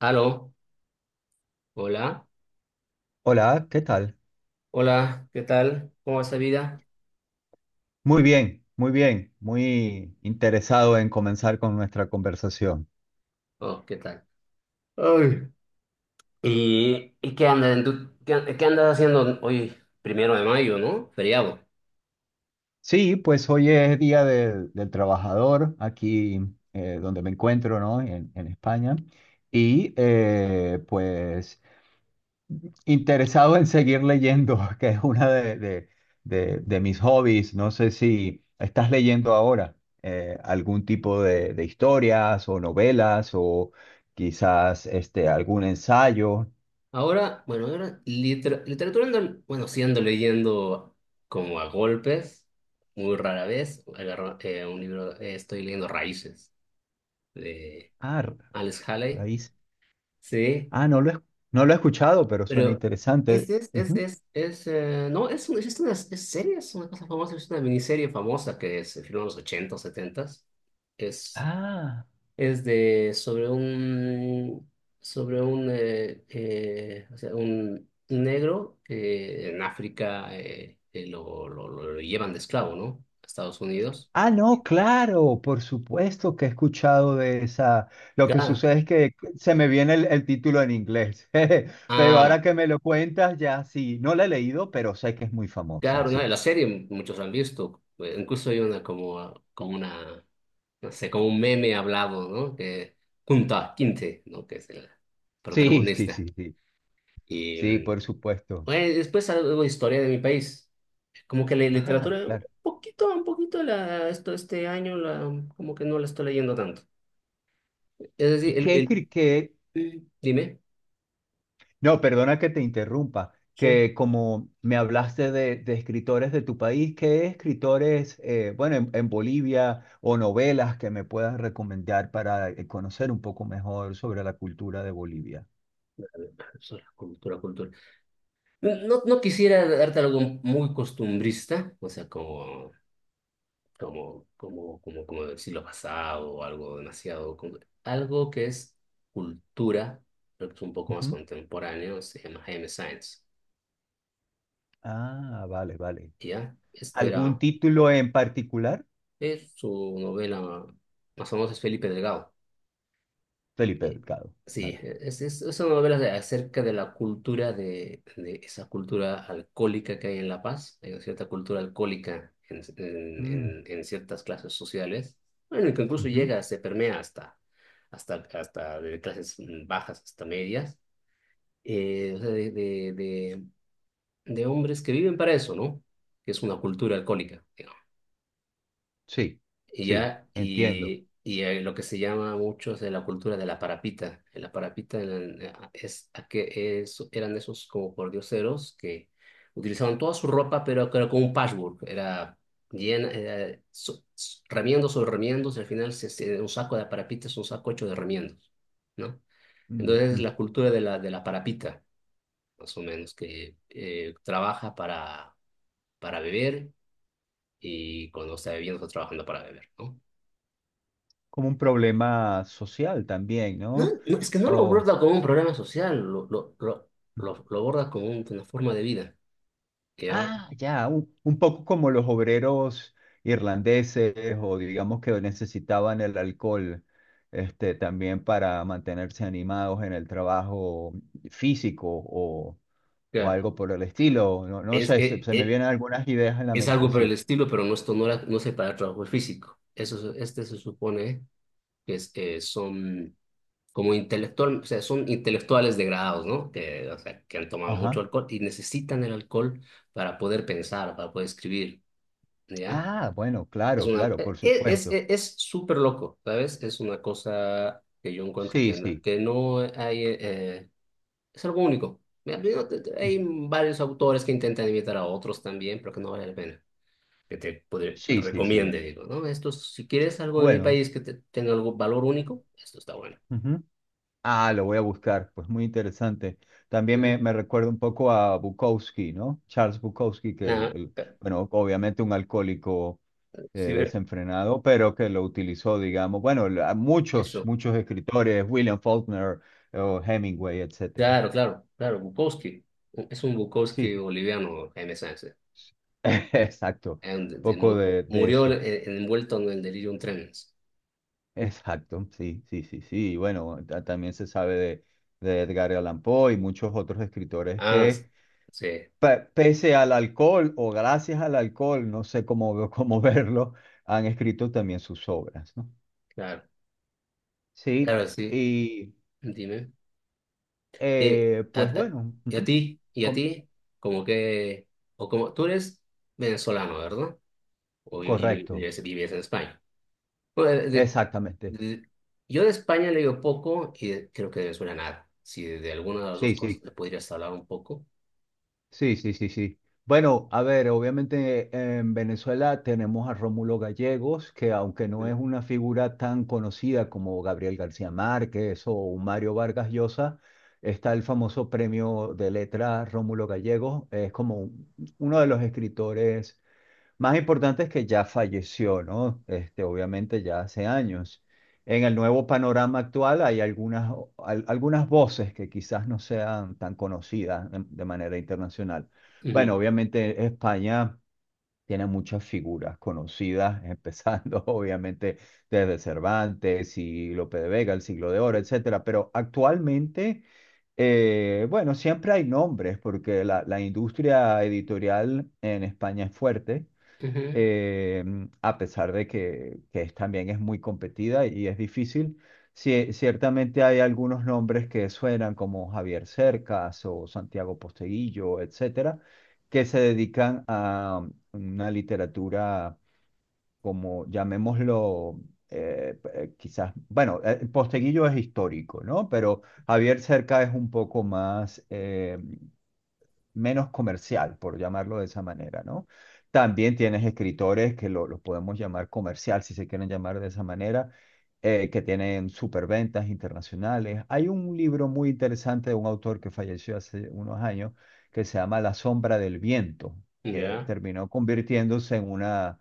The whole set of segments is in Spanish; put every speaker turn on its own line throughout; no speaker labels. Aló, hola,
Hola, ¿qué tal?
hola, ¿qué tal? ¿Cómo va esa vida?
Muy bien, muy bien, muy interesado en comenzar con nuestra conversación.
Oh, ¿qué tal? Ay. ¿Y qué andas, qué andas haciendo hoy, 1 de mayo, ¿no? Feriado.
Sí, pues hoy es Día del Trabajador aquí donde me encuentro, ¿no? En España. Y pues interesado en seguir leyendo, que es una de mis hobbies. No sé si estás leyendo ahora algún tipo de historias o novelas o quizás algún ensayo.
Ahora, bueno, ahora literatura, bueno, sí ando leyendo como a golpes, muy rara vez. Agarro, un libro, estoy leyendo Raíces de
Ah,
Alex Haley,
Raíz.
sí.
Ah, no lo he escuchado, pero suena
Pero
interesante. Ujú.
es, no, es, es una es serie, es una cosa famosa, es una miniserie famosa que se filmó en los 80, 70. Es,
Ah,
es de, sobre un, o sea, un negro que en África lo llevan de esclavo, ¿no? A Estados Unidos.
ah, no, claro, por supuesto que he escuchado de esa. Lo que
Claro.
sucede es que se me viene el título en inglés, pero
Ah,
ahora que me lo cuentas, ya sí, no la he leído, pero sé que es muy famosa,
claro, ¿no?
sí.
La serie muchos la han visto. Incluso hay una como, ah, como una, no sé, como un meme hablado, ¿no? Que junta a Quinte, ¿no? Que es el
Sí, sí,
protagonista.
sí, sí,
Y
sí, por supuesto.
bueno, después algo de historia de mi país. Como que la
Ah,
literatura,
claro.
un poquito la, esto, este año, la, como que no la estoy leyendo tanto. Es decir,
¿Y
el,
qué,
el,
escri- qué,
mm, dime.
No, perdona que te interrumpa,
Sí.
que como me hablaste de escritores de tu país, ¿qué escritores, bueno, en Bolivia o novelas que me puedas recomendar para conocer un poco mejor sobre la cultura de Bolivia?
Eso, la cultura. No, no quisiera darte algo muy costumbrista, o sea, como del siglo pasado o algo demasiado, algo que es cultura, pero que es un poco más
Ujú.
contemporáneo, se llama Jaime Science,
Ah, vale, vale.
¿ya? Este
¿Algún
era,
título en particular?
es su novela más famosa, es Felipe Delgado.
Felipe
Eh,
Delgado,
Sí,
claro.
es una novela acerca de la cultura de esa cultura alcohólica que hay en La Paz. Hay una cierta cultura alcohólica
Mm,
en ciertas clases sociales. Bueno, que incluso
ujú.
llega, se permea hasta, hasta de clases bajas hasta medias. O sea, de hombres que viven para eso, ¿no? Que es una cultura alcohólica.
Sí,
Y
sí,
ya,
entiendo.
y lo que se llama mucho es de la cultura de la parapita. En la parapita es, eran esos como pordioseros que utilizaban toda su ropa, pero que era como un patchwork. Era llena, era remiendos sobre remiendos, y al final un saco de parapita es un saco hecho de remiendos, ¿no?
Mm,
Entonces es
mm.
la cultura de la parapita, más o menos, que trabaja para beber, y cuando está bebiendo está trabajando para beber, ¿no?
¿Como un problema social también,
No,
¿no?
no, es que no lo
O
aborda como un problema social, lo aborda como una forma de vida, ¿ya?
Ah, ya, un poco como los obreros irlandeses o digamos que necesitaban el alcohol, también para mantenerse animados en el trabajo físico o
Claro.
algo por el estilo. No, no
Es,
sé, se,
e-
se me
e-
vienen algunas ideas en la
es,
mente,
algo por el
sí.
estilo, pero no, esto no, no separa trabajo físico. Eso, este se supone que es, son como intelectual, o sea, son intelectuales degradados, ¿no? Que, o sea, que han tomado mucho
Ajá.
alcohol y necesitan el alcohol para poder pensar, para poder escribir, ¿ya?
Ah, bueno,
Es
claro,
una,
claro, por supuesto.
es súper loco, ¿sabes? Es una cosa que yo encuentro
Sí,
que,
sí.
que no hay, es algo único. Hay varios autores que intentan imitar a otros también, pero que no vale la pena. Que te
Sí, sí, sí.
recomiende, digo, ¿no? Esto, si quieres algo de mi
Bueno.
país que tenga algún valor único, esto está bueno.
Ah, lo voy a buscar, pues muy interesante. También me,
Mm.
me recuerda un poco a Bukowski, ¿no? Charles Bukowski, que
Nada,
bueno, obviamente un alcohólico
sí, ver-
desenfrenado, pero que lo utilizó, digamos, bueno, muchos,
eso.
muchos escritores, William Faulkner, o Hemingway, etcétera.
Claro, claro, claro, Bukowski. Es un Bukowski
Sí,
boliviano, Jaime Sáenz.
exacto,
And- de-
poco
mu-
de
Murió
eso.
envuelto en el delirium tremens.
Exacto, sí, sí, sí, sí. Bueno, también se sabe de Edgar Allan Poe y muchos otros escritores
Ah, s-
que
sí,
pese al alcohol o gracias al alcohol, no sé cómo, cómo verlo, han escrito también sus obras, ¿no?
claro,
Sí,
claro, sí,
y
dime. Eh, a,
pues
a-
bueno,
¿Y a
ujú,
ti? ¿Y a
co-
ti? Como que, o como, tú eres venezolano, ¿verdad? O
correcto,
vives, vives en España. Bueno,
exactamente.
de- yo de España le digo poco y creo que de Venezuela nada. Si de, de alguna de las dos
Sí,
cosas
sí.
le podrías hablar un poco.
Sí, sí, sí, sí. Bueno, a ver, obviamente en Venezuela tenemos a Rómulo Gallegos, que aunque no es una figura tan conocida como Gabriel García Márquez o un Mario Vargas Llosa, está el famoso premio de letras Rómulo Gallegos. Es como uno de los escritores más importante es que ya falleció, ¿no? Obviamente ya hace años. En el nuevo panorama actual hay algunas voces que quizás no sean tan conocidas de manera internacional.
Ujú,
Bueno, obviamente España tiene muchas figuras conocidas, empezando obviamente desde Cervantes y Lope de Vega, el Siglo de Oro, etcétera, pero actualmente... bueno, siempre hay nombres porque la industria editorial en España es fuerte
ujú,
eh, a pesar de que también es muy competida y es difícil. Sí, ciertamente hay algunos nombres que suenan como Javier Cercas o Santiago Posteguillo, etcétera, que se dedican a una literatura como llamémoslo, quizás, bueno, Posteguillo es histórico, ¿no? Pero Javier Cercas es un poco más menos comercial, por llamarlo de esa manera, ¿no? También tienes escritores que lo podemos llamar comercial, si se quieren llamar de esa manera, que tienen superventas internacionales. Hay un libro muy interesante de un autor que falleció hace unos años que se llama La sombra del viento, que
ya.
terminó convirtiéndose en una.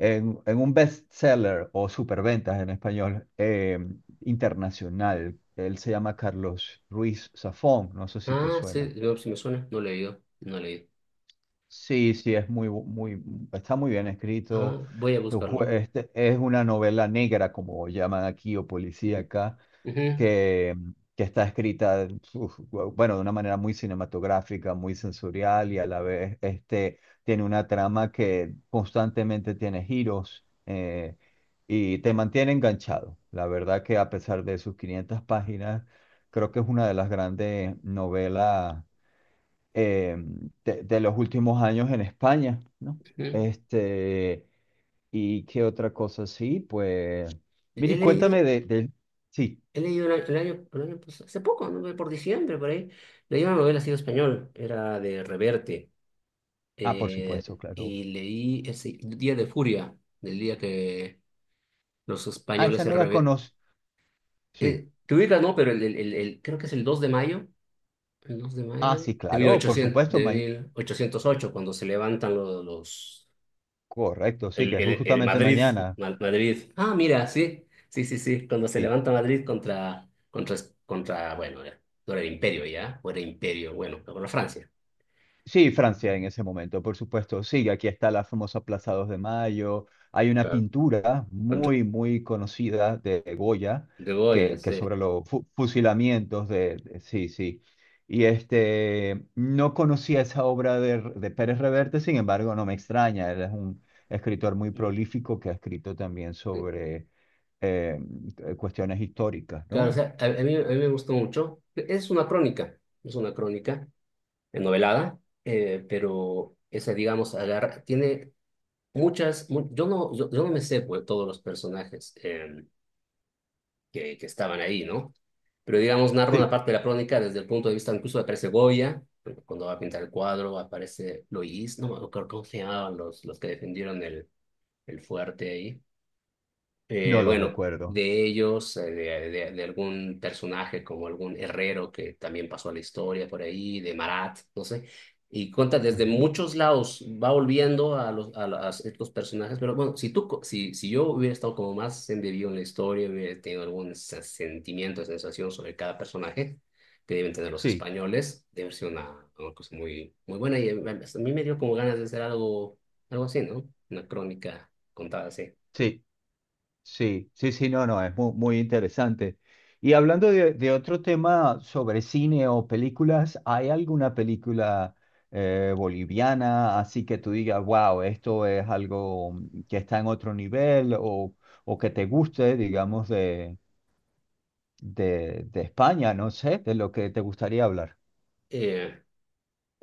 En un bestseller o superventas en español internacional. Él se llama Carlos Ruiz Zafón, no sé si te
Ah,
suena.
sí, no, sí me suena, no he leído, no he leído.
Sí, sí, es muy, muy, está muy bien escrito.
Ah, voy a buscarlo.
Es una novela negra, como llaman aquí, o
Ujú,
policíaca,
ujú,
que, que está escrita, uf, bueno, de una manera muy cinematográfica, muy sensorial y a la vez tiene una trama que constantemente tiene giros y te mantiene enganchado. La verdad que a pesar de sus 500 páginas, creo que es una de las grandes novelas eh, de los últimos años en España, ¿no?
ujú.
Este, ¿Y qué otra cosa? Sí, pues,
He
mire,
leído,
cuéntame. Sí,
He leído el, el año pasado, hace poco, ¿no? Por diciembre, por ahí, leí una novela así en español, era de Reverte,
ah, por
eh,
supuesto, claro.
y leí ese Día de Furia, del día que los
Ah,
españoles
esa
se
no la
rebe...
conozco. Sí,
te ubicas, ¿no? Pero creo que es el 2 de mayo, el 2 de
ah,
mayo
sí,
de
claro, por
1800,
supuesto,
de 1808, cuando se levantan
correcto, sí,
el,
que es
el
justamente
Madrid,
mañana.
Madrid. Ah, mira, sí, sí, sí, sí. Cuando se
Sí.
levanta Madrid contra, bueno, no era el Imperio ya, o era Imperio, bueno, contra Francia.
Sí, Francia en ese momento, por supuesto. Sí, aquí está la famosa Plaza 2 de Mayo. Hay una
Claro.
pintura
Contra,
muy, muy conocida de Goya
de Goya,
que
sí.
sobre los fusilamientos. Sí, sí. Y no conocía esa obra de Pérez Reverte, sin embargo, no me extraña. Él es un escritor muy
Sí.
prolífico que ha escrito también sobre eh, cuestiones históricas,
Claro, o
¿no?
sea, a mí me gustó mucho. Es una crónica novelada, pero esa, digamos, agarra, tiene muchas, yo, yo no me sé pues, todos los personajes, que estaban ahí, ¿no? Pero digamos, narra una
Sí,
parte de la crónica desde el punto de vista, incluso aparece Goya, porque cuando va a pintar el cuadro aparece Loís, no me acuerdo cómo se llamaban los que defendieron el fuerte ahí.
no lo
Bueno,
recuerdo.
de ellos, de algún personaje como algún herrero que también pasó a la historia por ahí, de Marat, no sé. Y cuenta desde
Ajá.
muchos lados, va volviendo a los, a ciertos personajes, pero bueno, si tú, si, si yo hubiera estado como más embebido en la historia, hubiera tenido algún sentimiento, sensación sobre cada personaje que deben tener los
Sí,
españoles, debe ser una cosa muy, muy buena, y a mí me dio como ganas de hacer algo, algo así, ¿no? Una crónica contada así.
sí. Sí, sí, sí, no, no, es muy, muy interesante. Y hablando de otro tema sobre cine o películas, ¿hay alguna película boliviana así que tú digas, wow, esto es algo que está en otro nivel o, que te guste, digamos, de España, no sé, de lo que te gustaría hablar?
Eh,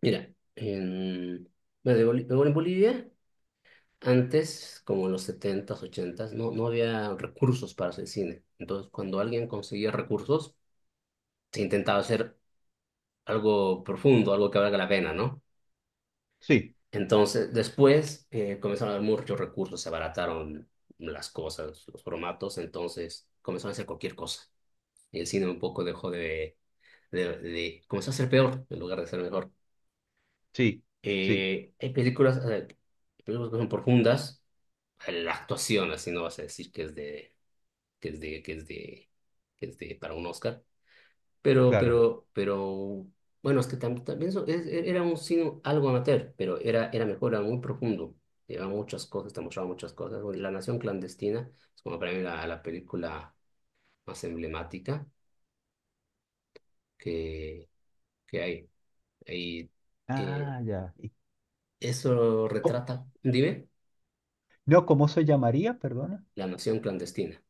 Mira, en, bueno, de luego en Bolivia, antes, como en los setentas, ochentas, no, no había recursos para hacer cine. Entonces, cuando alguien conseguía recursos, se intentaba hacer algo profundo, algo que valga la pena, ¿no?
Sí,
Entonces, después comenzaron a haber muchos recursos, se abarataron las cosas, los formatos, entonces comenzaron a hacer cualquier cosa. Y el cine un poco dejó de- comenzó a ser peor en lugar de ser mejor.
sí, sí,
Hay películas, películas que son profundas, la actuación, así no vas a decir que es de, que es de, que es de, que es de para un Oscar,
claro.
pero, bueno, es que tam- también eso era un cine algo amateur, pero era, era mejor, era muy profundo, llevaba muchas cosas, te mostraba muchas cosas. Bueno, La Nación Clandestina es como para mí la, la película más emblemática que, que hay. Y eh,
Ah, ya. Y
eso
co-
retrata, dime,
no, ¿cómo se llamaría? Perdona.
La Nación Clandestina.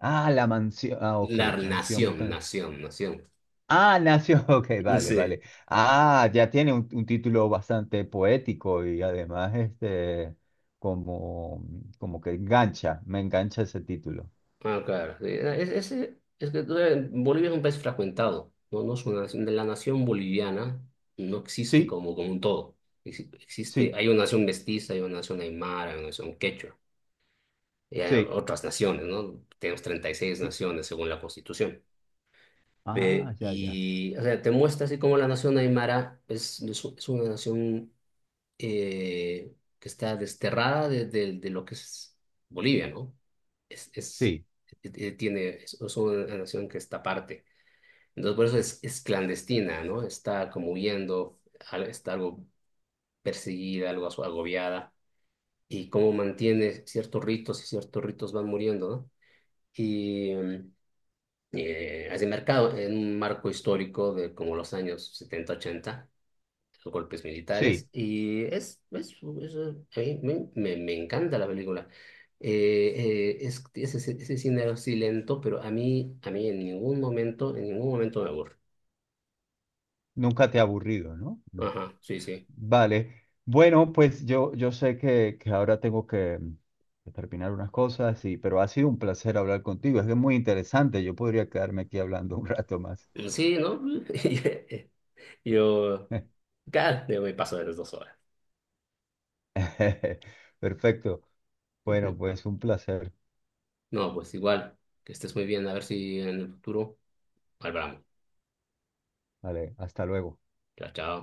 Ah, la mansión. Ah, ok,
La
mansión.
Nación.
Ah, nació, ok, vale,
Sí.
vale. Ah, ya tiene un título bastante poético y además como, como que engancha, me engancha ese título.
Ah, claro, sí. Es que tú, Bolivia es un país fragmentado, ¿no? No es una nación, de la nación boliviana, no existe
Sí,
como, como un todo. Existe,
sí,
hay una nación mestiza, hay una nación aymara, hay una nación quechua, y hay
sí.
otras naciones, ¿no? Tenemos 36
cl-
naciones según la Constitución.
Ah, ya, ya.
Y, o sea, te muestra así como la nación aymara es, es una nación eh, que está desterrada de, de lo que es Bolivia, ¿no? Es,
Sí,
tiene, es una nación que está aparte. Entonces, por eso es clandestina, ¿no? Está como huyendo, está algo perseguida, algo agobiada, y cómo mantiene ciertos ritos y ciertos ritos van muriendo, ¿no? Y hace mercado en un marco histórico de como los años 70 ochenta, golpes militares,
sí.
y es, a mí me, me encanta la película. Es ese, ese cine así lento, pero a mí en ningún momento me aburre.
Nunca te ha aburrido, ¿no? No.
Ajá, sí, sí.
Vale. Bueno, pues yo sé que ahora tengo que terminar unas cosas, y, pero ha sido un placer hablar contigo. Es que es muy interesante. Yo podría quedarme aquí hablando un rato más.
Sí, ¿no? Yo, claro, yo me paso de las 2 horas.
Perfecto. Bueno,
Ujú.
pues un placer.
No, pues igual, que estés muy bien, a ver si en el futuro hablamos.
Vale, hasta luego.
Chao, chao.